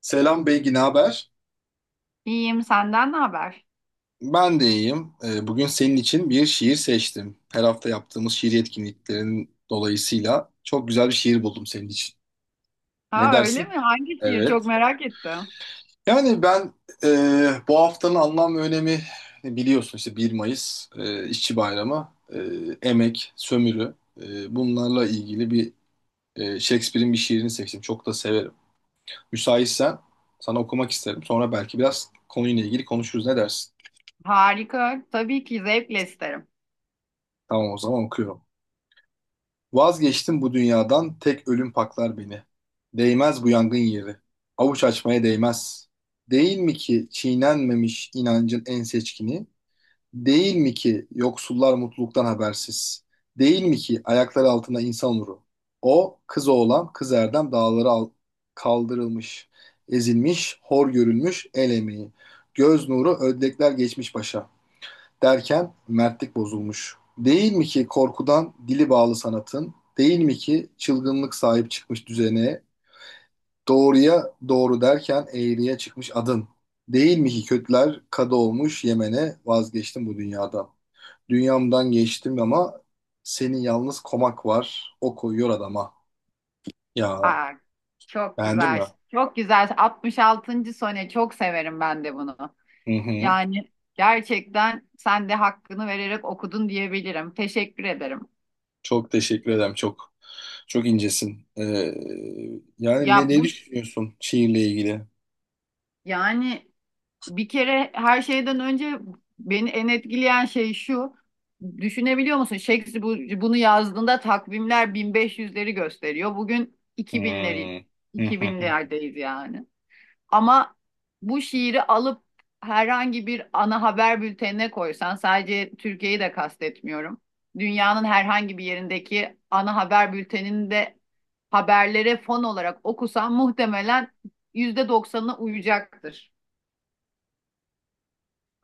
Selam Beygi, ne haber? İyiyim, senden ne haber? Ben de iyiyim. Bugün senin için bir şiir seçtim. Her hafta yaptığımız şiir etkinliklerin dolayısıyla çok güzel bir şiir buldum senin için. Ne Ha öyle dersin? mi? Hangi şiir? Çok Evet. merak ettim. Yani ben e, bu haftanın anlam ve önemi biliyorsun işte 1 Mayıs İşçi Bayramı, emek, sömürü bunlarla ilgili bir Shakespeare'in bir şiirini seçtim. Çok da severim. Müsaitsen sana okumak isterim. Sonra belki biraz konuyla ilgili konuşuruz. Ne dersin? Harika. Tabii ki zevkle isterim. Tamam o zaman okuyorum. Vazgeçtim bu dünyadan, tek ölüm paklar beni. Değmez bu yangın yeri, avuç açmaya değmez. Değil mi ki çiğnenmemiş inancın en seçkini? Değil mi ki yoksullar mutluluktan habersiz? Değil mi ki ayakları altında insan nuru? O, kız oğlan, kız erdem dağlara kaldırılmış, ezilmiş, hor görülmüş el emeği. Göz nuru ödlekler geçmiş başa derken mertlik bozulmuş. Değil mi ki korkudan dili bağlı sanatın, değil mi ki çılgınlık sahip çıkmış düzene, doğruya doğru derken eğriye çıkmış adın. Değil mi ki kötüler kadı olmuş Yemen'e vazgeçtim bu dünyadan. Dünyamdan geçtim ama senin yalnız komak var, o koyuyor adama. Ya Aa, Çok beğendin güzel. mi? Çok güzel. 66. sone çok severim ben de bunu. Hı hı. Yani gerçekten sen de hakkını vererek okudun diyebilirim. Teşekkür ederim. Çok teşekkür ederim, çok. Çok incesin. Yani ne, Ya ne bu, düşünüyorsun şiirle ilgili? yani, bir kere her şeyden önce beni en etkileyen şey şu. Düşünebiliyor musun? Shakespeare bunu yazdığında takvimler 1500'leri gösteriyor. Bugün Hmm. 2000'lerdeyiz yani. Ama bu şiiri alıp herhangi bir ana haber bültenine koysan, sadece Türkiye'yi de kastetmiyorum. Dünyanın herhangi bir yerindeki ana haber bülteninde haberlere fon olarak okusan muhtemelen %90'ına uyacaktır.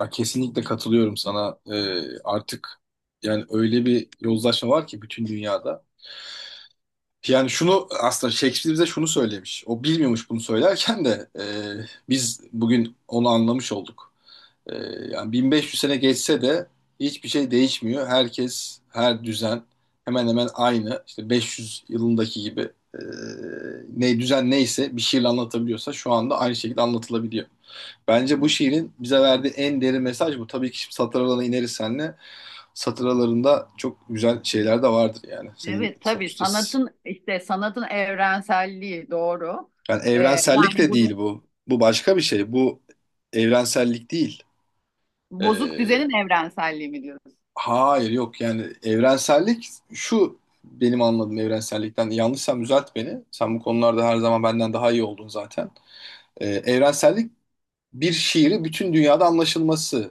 Ya kesinlikle katılıyorum sana. Artık yani öyle bir yozlaşma var ki bütün dünyada. Yani şunu aslında Shakespeare bize şunu söylemiş. O bilmiyormuş bunu söylerken de biz bugün onu anlamış olduk. E, yani 1500 sene geçse de hiçbir şey değişmiyor. Herkes, her düzen hemen hemen aynı. İşte 500 yılındaki gibi e, ne düzen neyse bir şiirle anlatabiliyorsa şu anda aynı şekilde anlatılabiliyor. Bence bu şiirin bize verdiği en derin mesaj bu. Tabii ki şimdi satır aralarına ineriz seninle. Satır aralarında çok güzel şeyler de vardır yani. Senin Evet, tabii sonuçta sanatın, işte sanatın evrenselliği, doğru. yani Ee, evrensellik Yani de burada değil bu. Bu başka bir şey. Bu evrensellik değil. Ee, bozuk düzenin evrenselliği mi diyoruz? hayır yok yani evrensellik şu benim anladığım evrensellikten. Yanlışsam düzelt beni. Sen bu konularda her zaman benden daha iyi oldun zaten. Evrensellik bir şiiri bütün dünyada anlaşılması.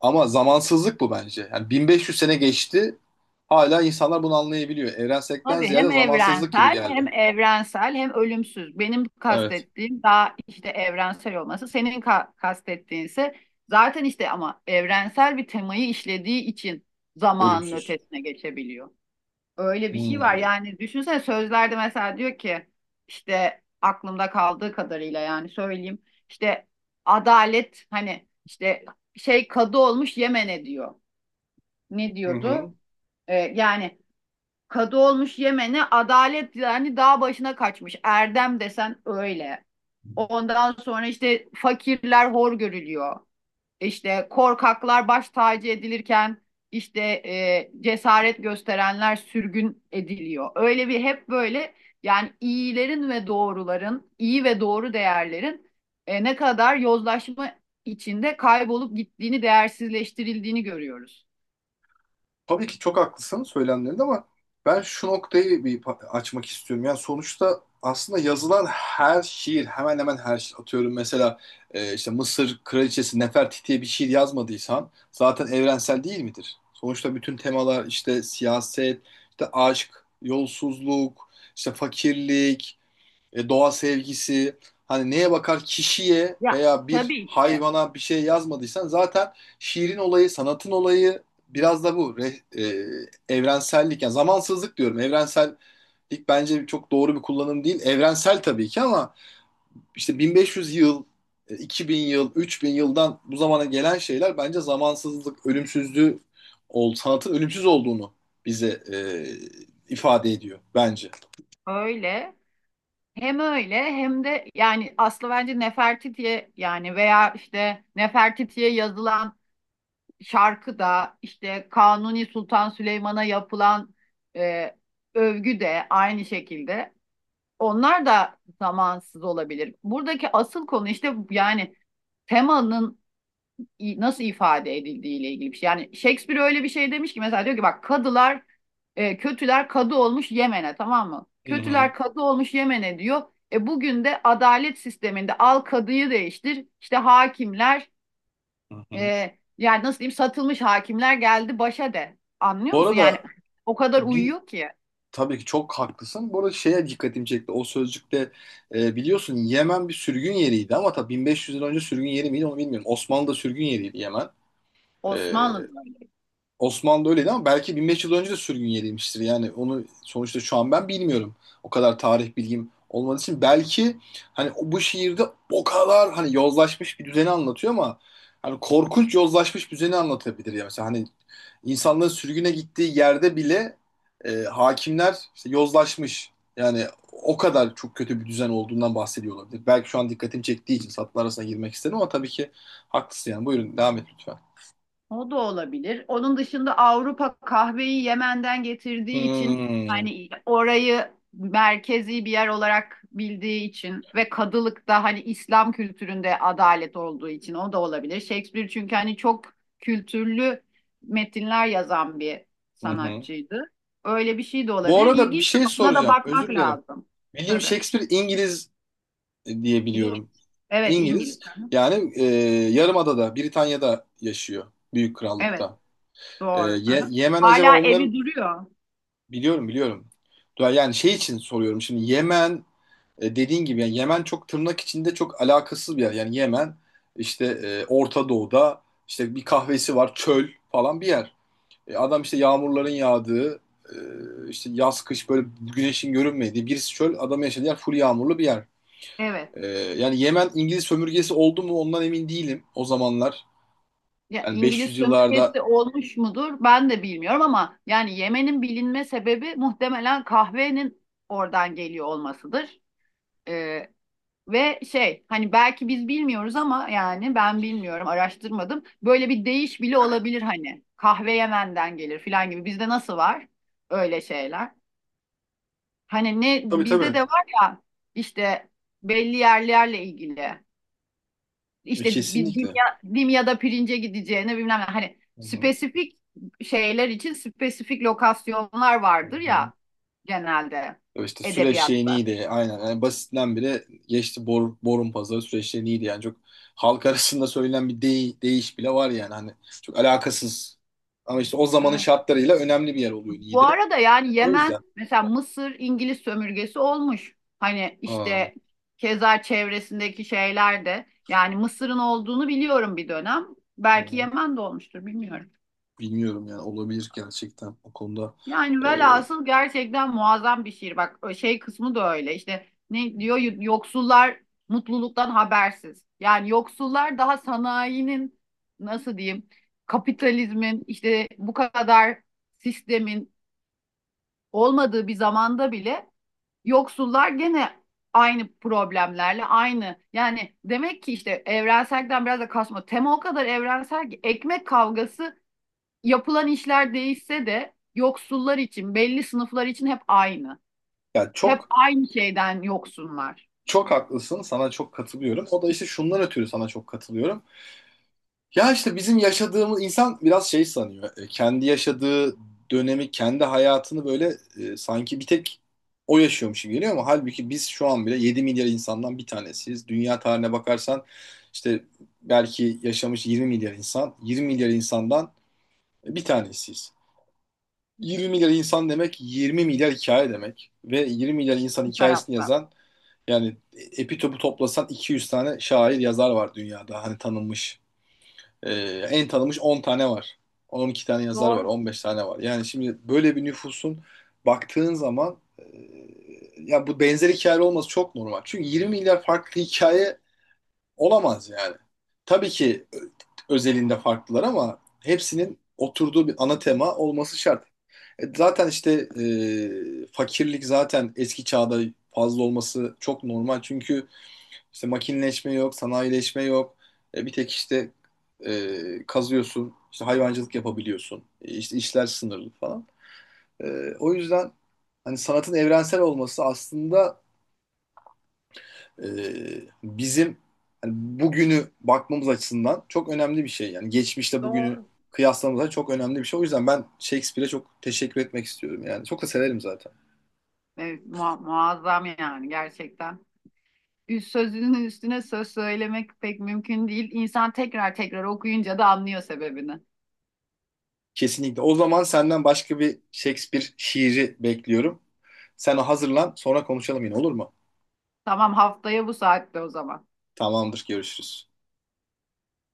Ama zamansızlık bu bence. Yani 1500 sene geçti. Hala insanlar bunu anlayabiliyor. Evrensellikten Tabii, ziyade hem zamansızlık gibi evrensel, hem geldi. evrensel hem ölümsüz. Benim Evet. kastettiğim daha işte evrensel olması. Senin kastettiğin ise zaten işte, ama evrensel bir temayı işlediği için zamanın Ölümsüz. ötesine geçebiliyor. Öyle bir şey var. Hmm. Yani düşünsene, sözlerde mesela diyor ki, işte aklımda kaldığı kadarıyla yani söyleyeyim. İşte adalet, hani işte şey, kadı olmuş Yemen'e diyor. Ne Hı hı. diyordu? Yani kadı olmuş Yemen'e, adalet yani dağ başına kaçmış. Erdem desen öyle. Ondan sonra işte fakirler hor görülüyor. İşte korkaklar baş tacı edilirken, işte cesaret gösterenler sürgün ediliyor. Öyle bir, hep böyle yani iyilerin ve doğruların, iyi ve doğru değerlerin ne kadar yozlaşma içinde kaybolup gittiğini, değersizleştirildiğini görüyoruz. Tabii ki çok haklısın söylemlerinde ama ben şu noktayı bir açmak istiyorum. Yani sonuçta aslında yazılan her şiir, hemen hemen her şiir atıyorum. Mesela işte Mısır Kraliçesi Nefertiti'ye bir şiir yazmadıysan zaten evrensel değil midir? Sonuçta bütün temalar işte siyaset, işte aşk, yolsuzluk, işte fakirlik, doğa sevgisi hani neye bakar kişiye Ya veya bir tabii ki hayvana bir şey yazmadıysan zaten şiirin olayı, sanatın olayı biraz da bu evrensellik yani zamansızlık diyorum. Evrensellik bence çok doğru bir kullanım değil. Evrensel tabii ki ama işte 1500 yıl, 2000 yıl, 3000 yıldan bu zamana gelen şeyler bence zamansızlık, ölümsüzlüğü sanatın ölümsüz olduğunu bize ifade ediyor bence. öyle. Hem öyle, hem de yani aslı bence Nefertiti'ye, yani veya işte Nefertiti'ye yazılan şarkı da, işte Kanuni Sultan Süleyman'a yapılan e, övgü de aynı şekilde. Onlar da zamansız olabilir. Buradaki asıl konu işte yani temanın nasıl ifade edildiği ile ilgili bir şey. Yani Shakespeare öyle bir şey demiş ki, mesela diyor ki bak, kadılar, kötüler kadı olmuş Yemen'e, tamam mı? Hı hı, Kötüler kadı olmuş Yemen'e diyor. E bugün de adalet sisteminde al kadıyı değiştir. İşte hakimler, hı hı. Yani nasıl diyeyim, satılmış hakimler geldi başa de. Anlıyor Bu musun? Yani arada o kadar Bir uyuyor ki. tabii ki çok haklısın. Bu arada şeye dikkatimi çekti. O sözcükte biliyorsun Yemen bir sürgün yeriydi ama tabii 1500 yıl önce sürgün yeri miydi onu bilmiyorum. Osmanlı'da sürgün yeriydi Yemen. E, Osmanlı'da. Osmanlı öyleydi ama belki 1500 yıl önce de sürgün yeriymiştir. Yani onu sonuçta şu an ben bilmiyorum. O kadar tarih bilgim olmadığı için belki hani bu şiirde o kadar hani yozlaşmış bir düzeni anlatıyor ama hani korkunç yozlaşmış bir düzeni anlatabilir ya. Mesela hani insanların sürgüne gittiği yerde bile hakimler işte yozlaşmış. Yani o kadar çok kötü bir düzen olduğundan bahsediyor olabilir. Belki şu an dikkatimi çektiği için satır arasına girmek istedim ama tabii ki haklısın yani. Buyurun devam et lütfen. O da olabilir. Onun dışında Avrupa kahveyi Yemen'den getirdiği için, Hmm. hani orayı merkezi bir yer olarak bildiği için ve kadılık da hani İslam kültüründe adalet olduğu için, o da olabilir. Shakespeare çünkü hani çok kültürlü metinler yazan bir Hı hı. sanatçıydı. Öyle bir şey de Bu olabilir. arada bir İlginç, şey ama buna da soracağım. Özür bakmak dilerim. lazım. William Tabii. Shakespeare İngiliz diye İng- biliyorum. evet, İngiliz. İngiliz. Hı hı. Yani Yarımada'da, Britanya'da yaşıyor. Büyük Evet, Krallık'ta. Doğru. Hı hı. Yemen acaba Hala onların... evi duruyor. Biliyorum, biliyorum. Yani şey için soruyorum. Şimdi Yemen dediğin gibi yani Yemen çok tırnak içinde çok alakasız bir yer. Yani Yemen işte Orta Doğu'da işte bir kahvesi var, çöl falan bir yer. Adam işte yağmurların yağdığı, işte yaz kış böyle güneşin görünmediği birisi çöl, adam yaşadığı yer full yağmurlu bir yer. Evet. Yani Yemen İngiliz sömürgesi oldu mu ondan emin değilim o zamanlar. Ya Yani İngiliz 500 yıllarda. sömürgesi olmuş mudur? Ben de bilmiyorum, ama yani yemenin bilinme sebebi muhtemelen kahvenin oradan geliyor olmasıdır. Ee, Ve şey, hani belki biz bilmiyoruz, ama yani ben bilmiyorum, araştırmadım. Böyle bir deyiş bile olabilir, hani kahve Yemen'den gelir filan gibi. Bizde nasıl var öyle şeyler? Hani ne, Tabii bizde tabii. de var ya işte, belli yerlerle ilgili. İşte bir Kesinlikle. Dimya, Dimya'da pirince gideceğine bilmem ne. Hani Hı hı. spesifik şeyler için spesifik lokasyonlar Hı vardır hı. ya, genelde İşte süreç şeyi edebiyatta. neydi? Aynen. Yani basitinden bile geçti borun pazarı Süveyş şeyi neydi? Yani çok halk arasında söylenen bir deyiş bile var yani. Hani çok alakasız. Ama işte o zamanın Evet. şartlarıyla önemli bir yer oluyor Bu Niğde. arada yani O yüzden. Yemen, mesela Mısır İngiliz sömürgesi olmuş. Hani işte keza çevresindeki şeyler de, yani Mısır'ın olduğunu biliyorum bir dönem. Belki Hı-hı. Yemen de olmuştur, bilmiyorum. Bilmiyorum yani olabilir gerçekten o konuda. Yani Ee, velhasıl gerçekten muazzam bir şiir. Bak, o şey kısmı da öyle. İşte ne diyor, yoksullar mutluluktan habersiz. Yani yoksullar, daha sanayinin, nasıl diyeyim, kapitalizmin işte bu kadar, sistemin olmadığı bir zamanda bile, yoksullar gene aynı problemlerle aynı. Yani demek ki işte evrenselden biraz da kasma. Tema o kadar evrensel ki, ekmek kavgası yapılan işler değişse de yoksullar için, belli sınıflar için hep aynı. yani Hep çok aynı şeyden yoksunlar çok haklısın. Sana çok katılıyorum. O da işte şundan ötürü sana çok katılıyorum. Ya işte bizim yaşadığımız insan biraz şey sanıyor. Kendi yaşadığı dönemi, kendi hayatını böyle sanki bir tek o yaşıyormuş gibi geliyor ama halbuki biz şu an bile 7 milyar insandan bir tanesiyiz. Dünya tarihine bakarsan işte belki yaşamış 20 milyar insan, 20 milyar insandan bir tanesiyiz. 20 milyar insan demek 20 milyar hikaye demek. Ve 20 milyar insan bir hikayesini tarafta. yazan yani epi topu toplasan 200 tane şair yazar var dünyada. Hani tanınmış. Ee, en tanınmış 10 tane var. 12 tane yazar var. Doğru, 15 tane var. Yani şimdi böyle bir nüfusun baktığın zaman ya bu benzer hikaye olması çok normal. Çünkü 20 milyar farklı hikaye olamaz yani. Tabii ki özelinde farklılar ama hepsinin oturduğu bir ana tema olması şart. Zaten işte fakirlik zaten eski çağda fazla olması çok normal. Çünkü işte makineleşme yok, sanayileşme yok. Bir tek işte kazıyorsun, işte hayvancılık yapabiliyorsun. E, işte işler sınırlı falan. O yüzden hani sanatın evrensel olması aslında e, bizim hani bugünü bakmamız açısından çok önemli bir şey. Yani geçmişte bugünü doğru. kıyaslamamız çok önemli bir şey. O yüzden ben Shakespeare'e çok teşekkür etmek istiyorum. Yani çok da severim zaten. Evet, muazzam yani gerçekten. Üst sözünün üstüne söz söylemek pek mümkün değil. İnsan tekrar tekrar okuyunca da anlıyor sebebini. Kesinlikle. O zaman senden başka bir Shakespeare şiiri bekliyorum. Sen hazırlan sonra konuşalım yine olur mu? Tamam, haftaya bu saatte o zaman. Tamamdır görüşürüz.